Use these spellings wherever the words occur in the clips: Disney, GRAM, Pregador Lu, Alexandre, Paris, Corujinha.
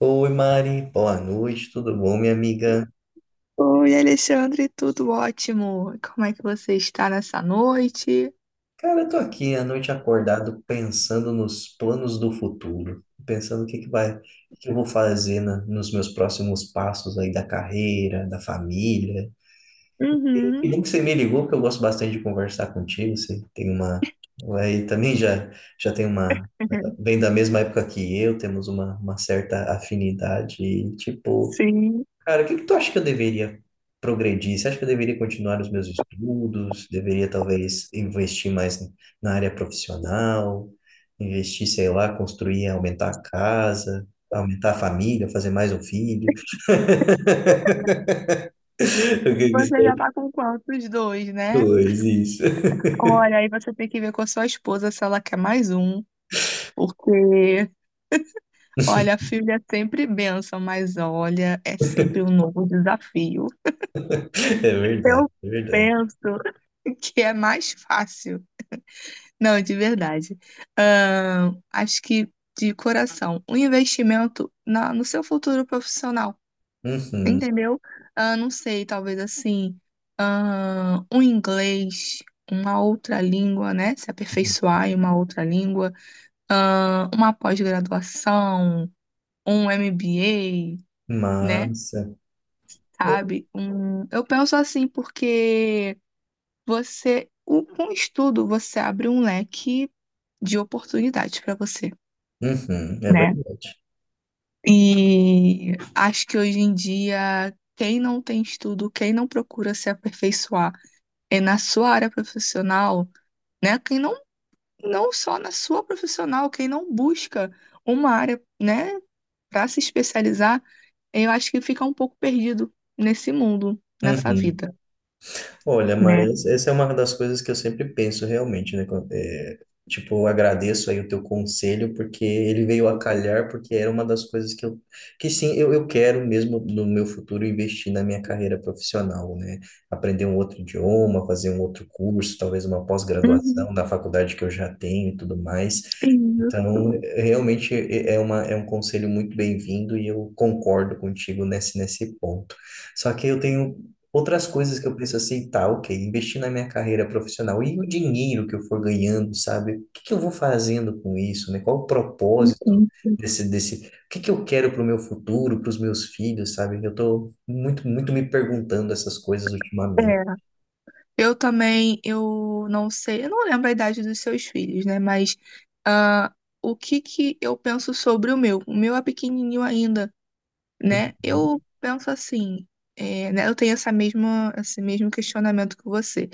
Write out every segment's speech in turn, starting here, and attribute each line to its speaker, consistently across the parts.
Speaker 1: Oi, Mari. Boa noite, tudo bom, minha amiga?
Speaker 2: Oi, Alexandre, tudo ótimo? Como é que você está nessa noite?
Speaker 1: Cara, eu tô aqui à noite acordado pensando nos planos do futuro, pensando o que que vai, o que eu vou fazer nos meus próximos passos aí da carreira, da família. E que
Speaker 2: Uhum.
Speaker 1: bom que você me ligou, porque eu gosto bastante de conversar contigo. Você tem uma, aí também já tem uma, vem da mesma época que eu, temos uma certa afinidade e tipo.
Speaker 2: Sim.
Speaker 1: Cara, o que que tu acha que eu deveria progredir? Você acha que eu deveria continuar os meus estudos? Deveria talvez investir mais na área profissional? Investir, sei lá, construir, aumentar a casa, aumentar a família, fazer mais um filho? O que que você
Speaker 2: Você já
Speaker 1: acha?
Speaker 2: tá com quantos? Dois, né?
Speaker 1: Pois, isso.
Speaker 2: Olha, aí você tem que ver com a sua esposa se ela quer mais um, porque, olha, filho é sempre bênção, mas olha, é sempre um novo desafio.
Speaker 1: É verdade,
Speaker 2: Eu
Speaker 1: é verdade.
Speaker 2: penso que é mais fácil. Não, de verdade. Acho que, de coração, um investimento no seu futuro profissional.
Speaker 1: Uhum.
Speaker 2: Entendeu? Ah, não sei, talvez assim, ah, um inglês, uma outra língua, né? Se
Speaker 1: Uhum.
Speaker 2: aperfeiçoar em uma outra língua, ah, uma pós-graduação, um MBA, né?
Speaker 1: Massa. É.
Speaker 2: Sabe? Um, eu penso assim porque com o estudo, você abre um leque de oportunidades para você,
Speaker 1: Uhum, é
Speaker 2: né?
Speaker 1: verdade.
Speaker 2: E acho que hoje em dia, quem não tem estudo, quem não procura se aperfeiçoar, é na sua área profissional, né? Quem não, não só na sua profissional, quem não busca uma área, né, para se especializar, eu acho que fica um pouco perdido nesse mundo, nessa
Speaker 1: Uhum.
Speaker 2: vida,
Speaker 1: Olha,
Speaker 2: né?
Speaker 1: mas essa é uma das coisas que eu sempre penso realmente, né? Tipo, eu agradeço aí o teu conselho, porque ele veio a calhar, porque era uma das coisas que eu quero mesmo no meu futuro investir na minha carreira profissional, né? Aprender um outro idioma, fazer um outro curso, talvez uma
Speaker 2: Uhum,
Speaker 1: pós-graduação da faculdade que eu já tenho e tudo mais. Então,
Speaker 2: isso,
Speaker 1: realmente é uma, é um conselho muito bem-vindo e eu concordo contigo nesse ponto. Só que eu tenho outras coisas que eu penso assim, tá, ok, investir na minha carreira profissional e o dinheiro que eu for ganhando, sabe? O que que eu vou fazendo com isso, né? Qual o propósito
Speaker 2: enfim.
Speaker 1: desse, o que que eu quero para o meu futuro, para os meus filhos, sabe? Eu tô muito me perguntando essas coisas ultimamente.
Speaker 2: É. Eu também, eu não sei, eu não lembro a idade dos seus filhos, né? Mas ah, o que que eu penso sobre o meu? O meu é pequenininho ainda. Né?
Speaker 1: Né?
Speaker 2: Eu penso assim, é, né? Eu tenho esse mesmo questionamento que você.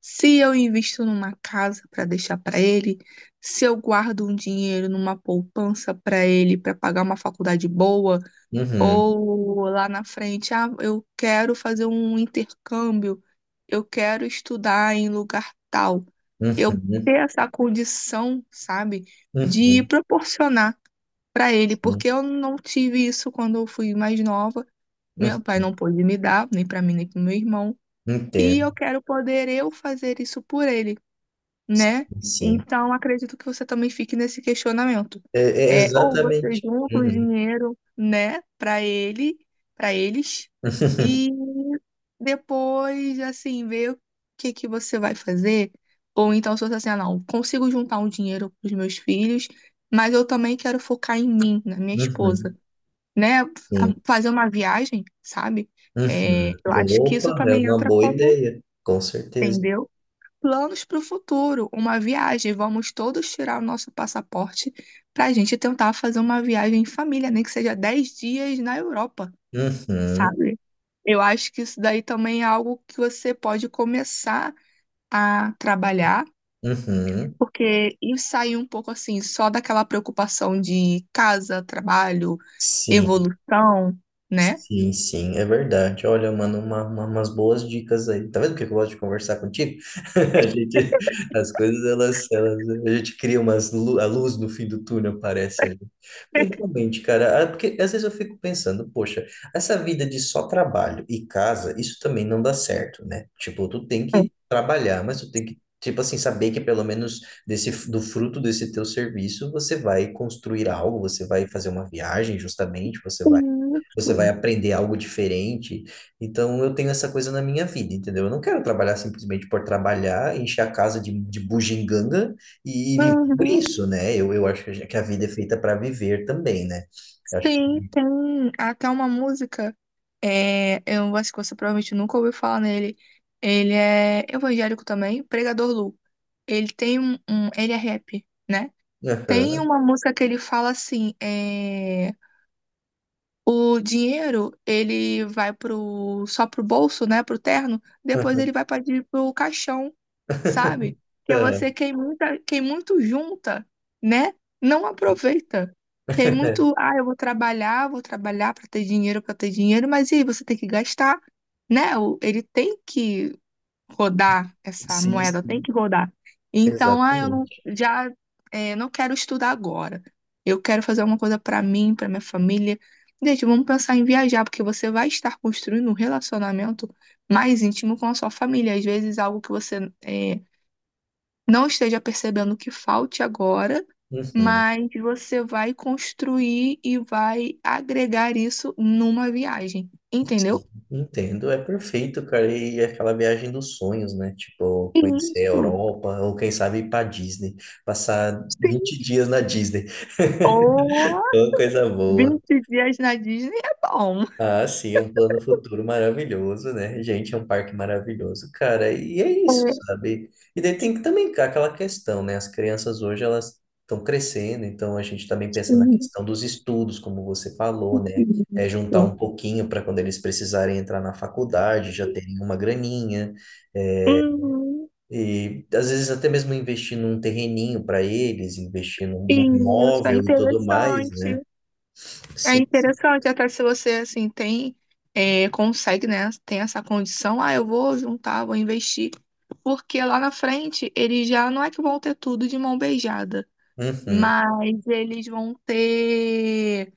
Speaker 2: Se eu invisto numa casa para deixar para ele, se eu guardo um dinheiro numa poupança para ele para pagar uma faculdade boa,
Speaker 1: Uhum,
Speaker 2: ou lá na frente, ah, eu quero fazer um intercâmbio, eu quero estudar em lugar tal. Eu
Speaker 1: uhum,
Speaker 2: ter essa condição, sabe,
Speaker 1: uhum,
Speaker 2: de
Speaker 1: uhum,
Speaker 2: proporcionar para ele,
Speaker 1: sim,
Speaker 2: porque eu não tive isso quando eu fui mais nova. Meu pai
Speaker 1: uhum.
Speaker 2: não pôde me dar, nem para mim, nem para meu irmão, e
Speaker 1: Entendo,
Speaker 2: eu quero poder eu fazer isso por ele,
Speaker 1: sim,
Speaker 2: né?
Speaker 1: sim.
Speaker 2: Então, acredito que você também fique nesse questionamento.
Speaker 1: É, é
Speaker 2: É, ou você
Speaker 1: exatamente.
Speaker 2: junta o
Speaker 1: Uhum.
Speaker 2: dinheiro, né, para ele, para eles, e depois, assim, ver o que que você vai fazer. Ou então, se você assim, ah, não, consigo juntar um dinheiro para os meus filhos, mas eu também quero focar em mim, na minha esposa
Speaker 1: Uhum.
Speaker 2: né,
Speaker 1: Sim.
Speaker 2: fazer uma viagem, sabe?
Speaker 1: Uhum.
Speaker 2: É, eu acho que isso
Speaker 1: Opa, é
Speaker 2: também
Speaker 1: uma
Speaker 2: entra
Speaker 1: boa
Speaker 2: como,
Speaker 1: ideia, com certeza.
Speaker 2: entendeu? Planos para o futuro, uma viagem. Vamos todos tirar o nosso passaporte para a gente tentar fazer uma viagem em família, nem que seja 10 dias na Europa,
Speaker 1: Uhum.
Speaker 2: sabe? Eu acho que isso daí também é algo que você pode começar a trabalhar,
Speaker 1: Uhum.
Speaker 2: porque e sair um pouco assim, só daquela preocupação de casa, trabalho,
Speaker 1: Sim.
Speaker 2: evolução, né?
Speaker 1: Sim, sim, é verdade. Olha, mano, umas boas dicas aí. Tá vendo que eu gosto de conversar contigo? A gente, as coisas, elas, a gente cria a luz no fim do túnel, parece ali. Porque realmente, cara, porque às vezes eu fico pensando, poxa, essa vida de só trabalho e casa, isso também não dá certo, né? Tipo, tu tem que trabalhar, mas tu tem que, tipo assim, saber que pelo menos do fruto desse teu serviço, você vai construir algo, você vai fazer uma viagem, justamente,
Speaker 2: Isso.
Speaker 1: você vai aprender algo diferente. Então, eu tenho essa coisa na minha vida, entendeu? Eu não quero trabalhar simplesmente por trabalhar, encher a casa de bugiganga e viver por
Speaker 2: Uhum.
Speaker 1: isso, né? Eu acho que a vida é feita para viver também, né? Eu acho que.
Speaker 2: Sim, tem até uma música. É, eu acho que você provavelmente nunca ouviu falar nele. Ele é evangélico também, Pregador Lu. Ele tem ele é rap, né? Tem
Speaker 1: Aham,
Speaker 2: uma música que ele fala assim, é, o dinheiro, ele vai pro, só pro bolso, né, pro terno,
Speaker 1: aham,
Speaker 2: depois
Speaker 1: aham.
Speaker 2: ele vai para pro caixão, sabe? Porque quem muito junta, né, não aproveita. Quem muito, ah, eu vou trabalhar para ter dinheiro, mas e aí você tem que gastar, né? Ele tem que rodar essa
Speaker 1: Sim,
Speaker 2: moeda, tem
Speaker 1: sim,
Speaker 2: que rodar. Então, ah, eu não,
Speaker 1: exatamente.
Speaker 2: já é, não quero estudar agora. Eu quero fazer alguma coisa para mim, para minha família. Gente, vamos pensar em viajar, porque você vai estar construindo um relacionamento mais íntimo com a sua família. Às vezes, algo que você é, não esteja percebendo que falte agora,
Speaker 1: Uhum,
Speaker 2: mas você vai construir e vai agregar isso numa viagem,
Speaker 1: sim,
Speaker 2: entendeu?
Speaker 1: entendo, é perfeito, cara. E é aquela viagem dos sonhos, né? Tipo, conhecer a
Speaker 2: Isso.
Speaker 1: Europa, ou quem sabe ir pra Disney, passar
Speaker 2: Sim.
Speaker 1: 20 dias na Disney.
Speaker 2: Oh!
Speaker 1: Ô, coisa boa.
Speaker 2: 20 dias na Disney é bom.
Speaker 1: Ah, sim, é um plano futuro maravilhoso, né? Gente, é um parque maravilhoso, cara. E é isso,
Speaker 2: É,
Speaker 1: sabe? E daí tem que também cá aquela questão, né? As crianças hoje, elas estão crescendo, então a gente também pensa na questão dos estudos, como você falou, né? É juntar
Speaker 2: isso.
Speaker 1: um pouquinho para quando eles precisarem entrar na faculdade, já terem uma graninha. É.
Speaker 2: Uhum.
Speaker 1: E às vezes até mesmo investir num terreninho para eles, investir num
Speaker 2: Isso, é
Speaker 1: imóvel e tudo mais,
Speaker 2: interessante.
Speaker 1: né?
Speaker 2: É
Speaker 1: Sim. Sim.
Speaker 2: interessante, até se você assim tem, é, consegue, né? Tem essa condição, ah, eu vou juntar, vou investir. Porque lá na frente eles já não é que vão ter tudo de mão beijada,
Speaker 1: Uhum.
Speaker 2: mas eles vão ter,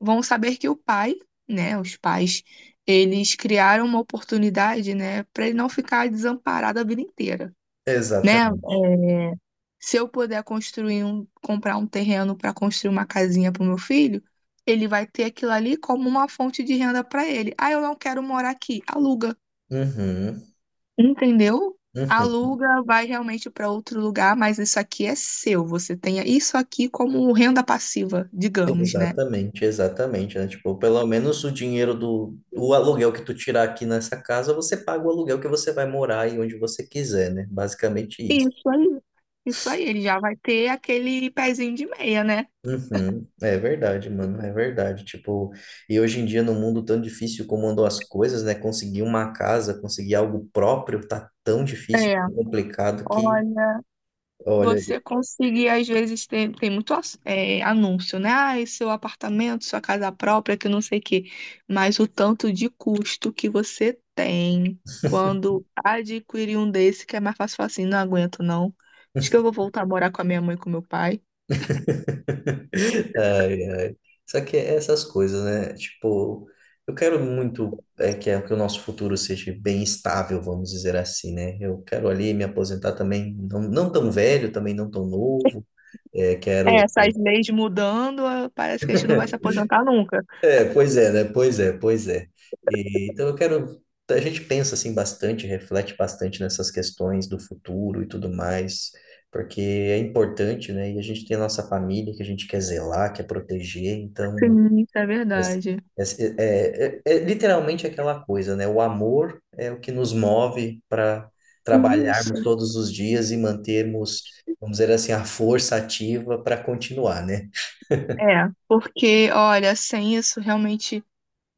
Speaker 2: vão saber que o pai, né, os pais, eles criaram uma oportunidade, né, para ele não ficar desamparado a vida inteira, né?
Speaker 1: Exatamente.
Speaker 2: É, se eu puder construir um, comprar um terreno para construir uma casinha para o meu filho, ele vai ter aquilo ali como uma fonte de renda para ele. Ah, eu não quero morar aqui, aluga,
Speaker 1: Uhum,
Speaker 2: entendeu?
Speaker 1: uhum.
Speaker 2: Aluga, vai realmente para outro lugar, mas isso aqui é seu. Você tem isso aqui como renda passiva, digamos, né?
Speaker 1: Exatamente, exatamente, né? Tipo, pelo menos o dinheiro do aluguel que tu tirar aqui nessa casa, você paga o aluguel que você vai morar e onde você quiser, né? Basicamente isso.
Speaker 2: Isso aí. Isso aí, ele já vai ter aquele pezinho de meia, né?
Speaker 1: Uhum, é verdade, mano, é verdade. Tipo, e hoje em dia, num mundo tão difícil como andam as coisas, né? Conseguir uma casa, conseguir algo próprio, tá tão difícil,
Speaker 2: É,
Speaker 1: tão complicado que,
Speaker 2: olha,
Speaker 1: olha.
Speaker 2: você conseguir, às vezes, tem muito anúncio, né? Ah, esse seu apartamento, sua casa própria, que não sei o quê. Mas o tanto de custo que você tem quando adquirir um desse, que é mais fácil falar assim, não aguento, não. Acho que eu vou voltar a morar com a minha mãe e com meu pai.
Speaker 1: Ai, ai. Só que é essas coisas, né? Tipo, eu quero muito que o nosso futuro seja bem estável, vamos dizer assim, né? Eu quero ali me aposentar também, não, não tão velho, também não tão novo. É,
Speaker 2: É,
Speaker 1: quero.
Speaker 2: essas leis mudando, ah, parece que a gente não vai se aposentar nunca.
Speaker 1: É, pois é, né? Pois é, pois é. E então eu quero. A gente pensa assim bastante, reflete bastante nessas questões do futuro e tudo mais, porque é importante, né? E a gente tem a nossa família que a gente quer zelar, quer proteger, então.
Speaker 2: Sim, isso é
Speaker 1: Mas
Speaker 2: verdade.
Speaker 1: é, é literalmente aquela coisa, né? O amor é o que nos move para
Speaker 2: Isso.
Speaker 1: trabalharmos todos os dias e mantermos, vamos dizer assim, a força ativa para continuar, né?
Speaker 2: É, porque, olha, sem isso realmente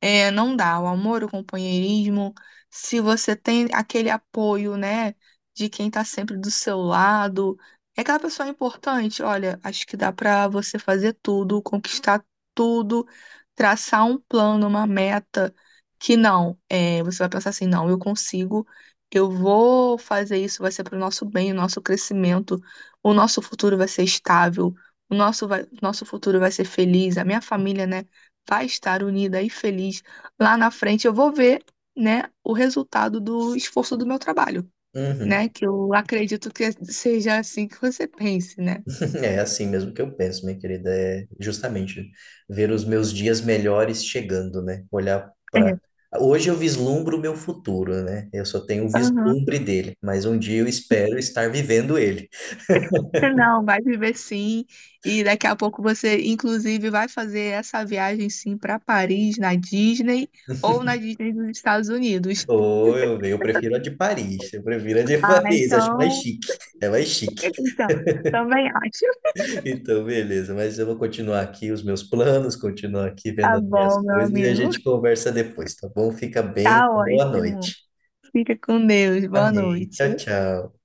Speaker 2: é, não dá. O amor, o companheirismo, se você tem aquele apoio, né, de quem tá sempre do seu lado, é aquela pessoa importante. Olha, acho que dá pra você fazer tudo, conquistar tudo, traçar um plano, uma meta que não, é, você vai pensar assim, não, eu consigo, eu vou fazer isso, vai ser pro nosso bem, o nosso crescimento, o nosso futuro vai ser estável, o nosso futuro vai ser feliz, a minha família, né? Vai estar unida e feliz lá na frente. Eu vou ver, né, o resultado do esforço do meu trabalho,
Speaker 1: Uhum.
Speaker 2: né? Que eu acredito que seja assim que você pense, né?
Speaker 1: É assim mesmo que eu penso, minha querida. É justamente ver os meus dias melhores chegando, né? Olhar
Speaker 2: É,
Speaker 1: para. Hoje eu vislumbro o meu futuro, né? Eu só tenho o
Speaker 2: aham.
Speaker 1: vislumbre dele, mas um dia eu espero estar vivendo ele.
Speaker 2: Não, vai viver sim. E daqui a pouco você, inclusive, vai fazer essa viagem sim para Paris, na Disney ou na Disney dos Estados Unidos.
Speaker 1: Eu prefiro a de Paris. Eu prefiro a de
Speaker 2: Ah,
Speaker 1: Paris, acho mais
Speaker 2: então,
Speaker 1: chique. É mais chique.
Speaker 2: então, também acho.
Speaker 1: Então, beleza. Mas eu vou continuar aqui os meus planos, continuar aqui vendo
Speaker 2: Tá
Speaker 1: as minhas
Speaker 2: bom, meu
Speaker 1: coisas e a
Speaker 2: amigo.
Speaker 1: gente conversa depois, tá bom? Fica bem.
Speaker 2: Tá
Speaker 1: Boa
Speaker 2: ótimo.
Speaker 1: noite.
Speaker 2: Fica com Deus. Boa
Speaker 1: Amém.
Speaker 2: noite.
Speaker 1: Tchau, tchau.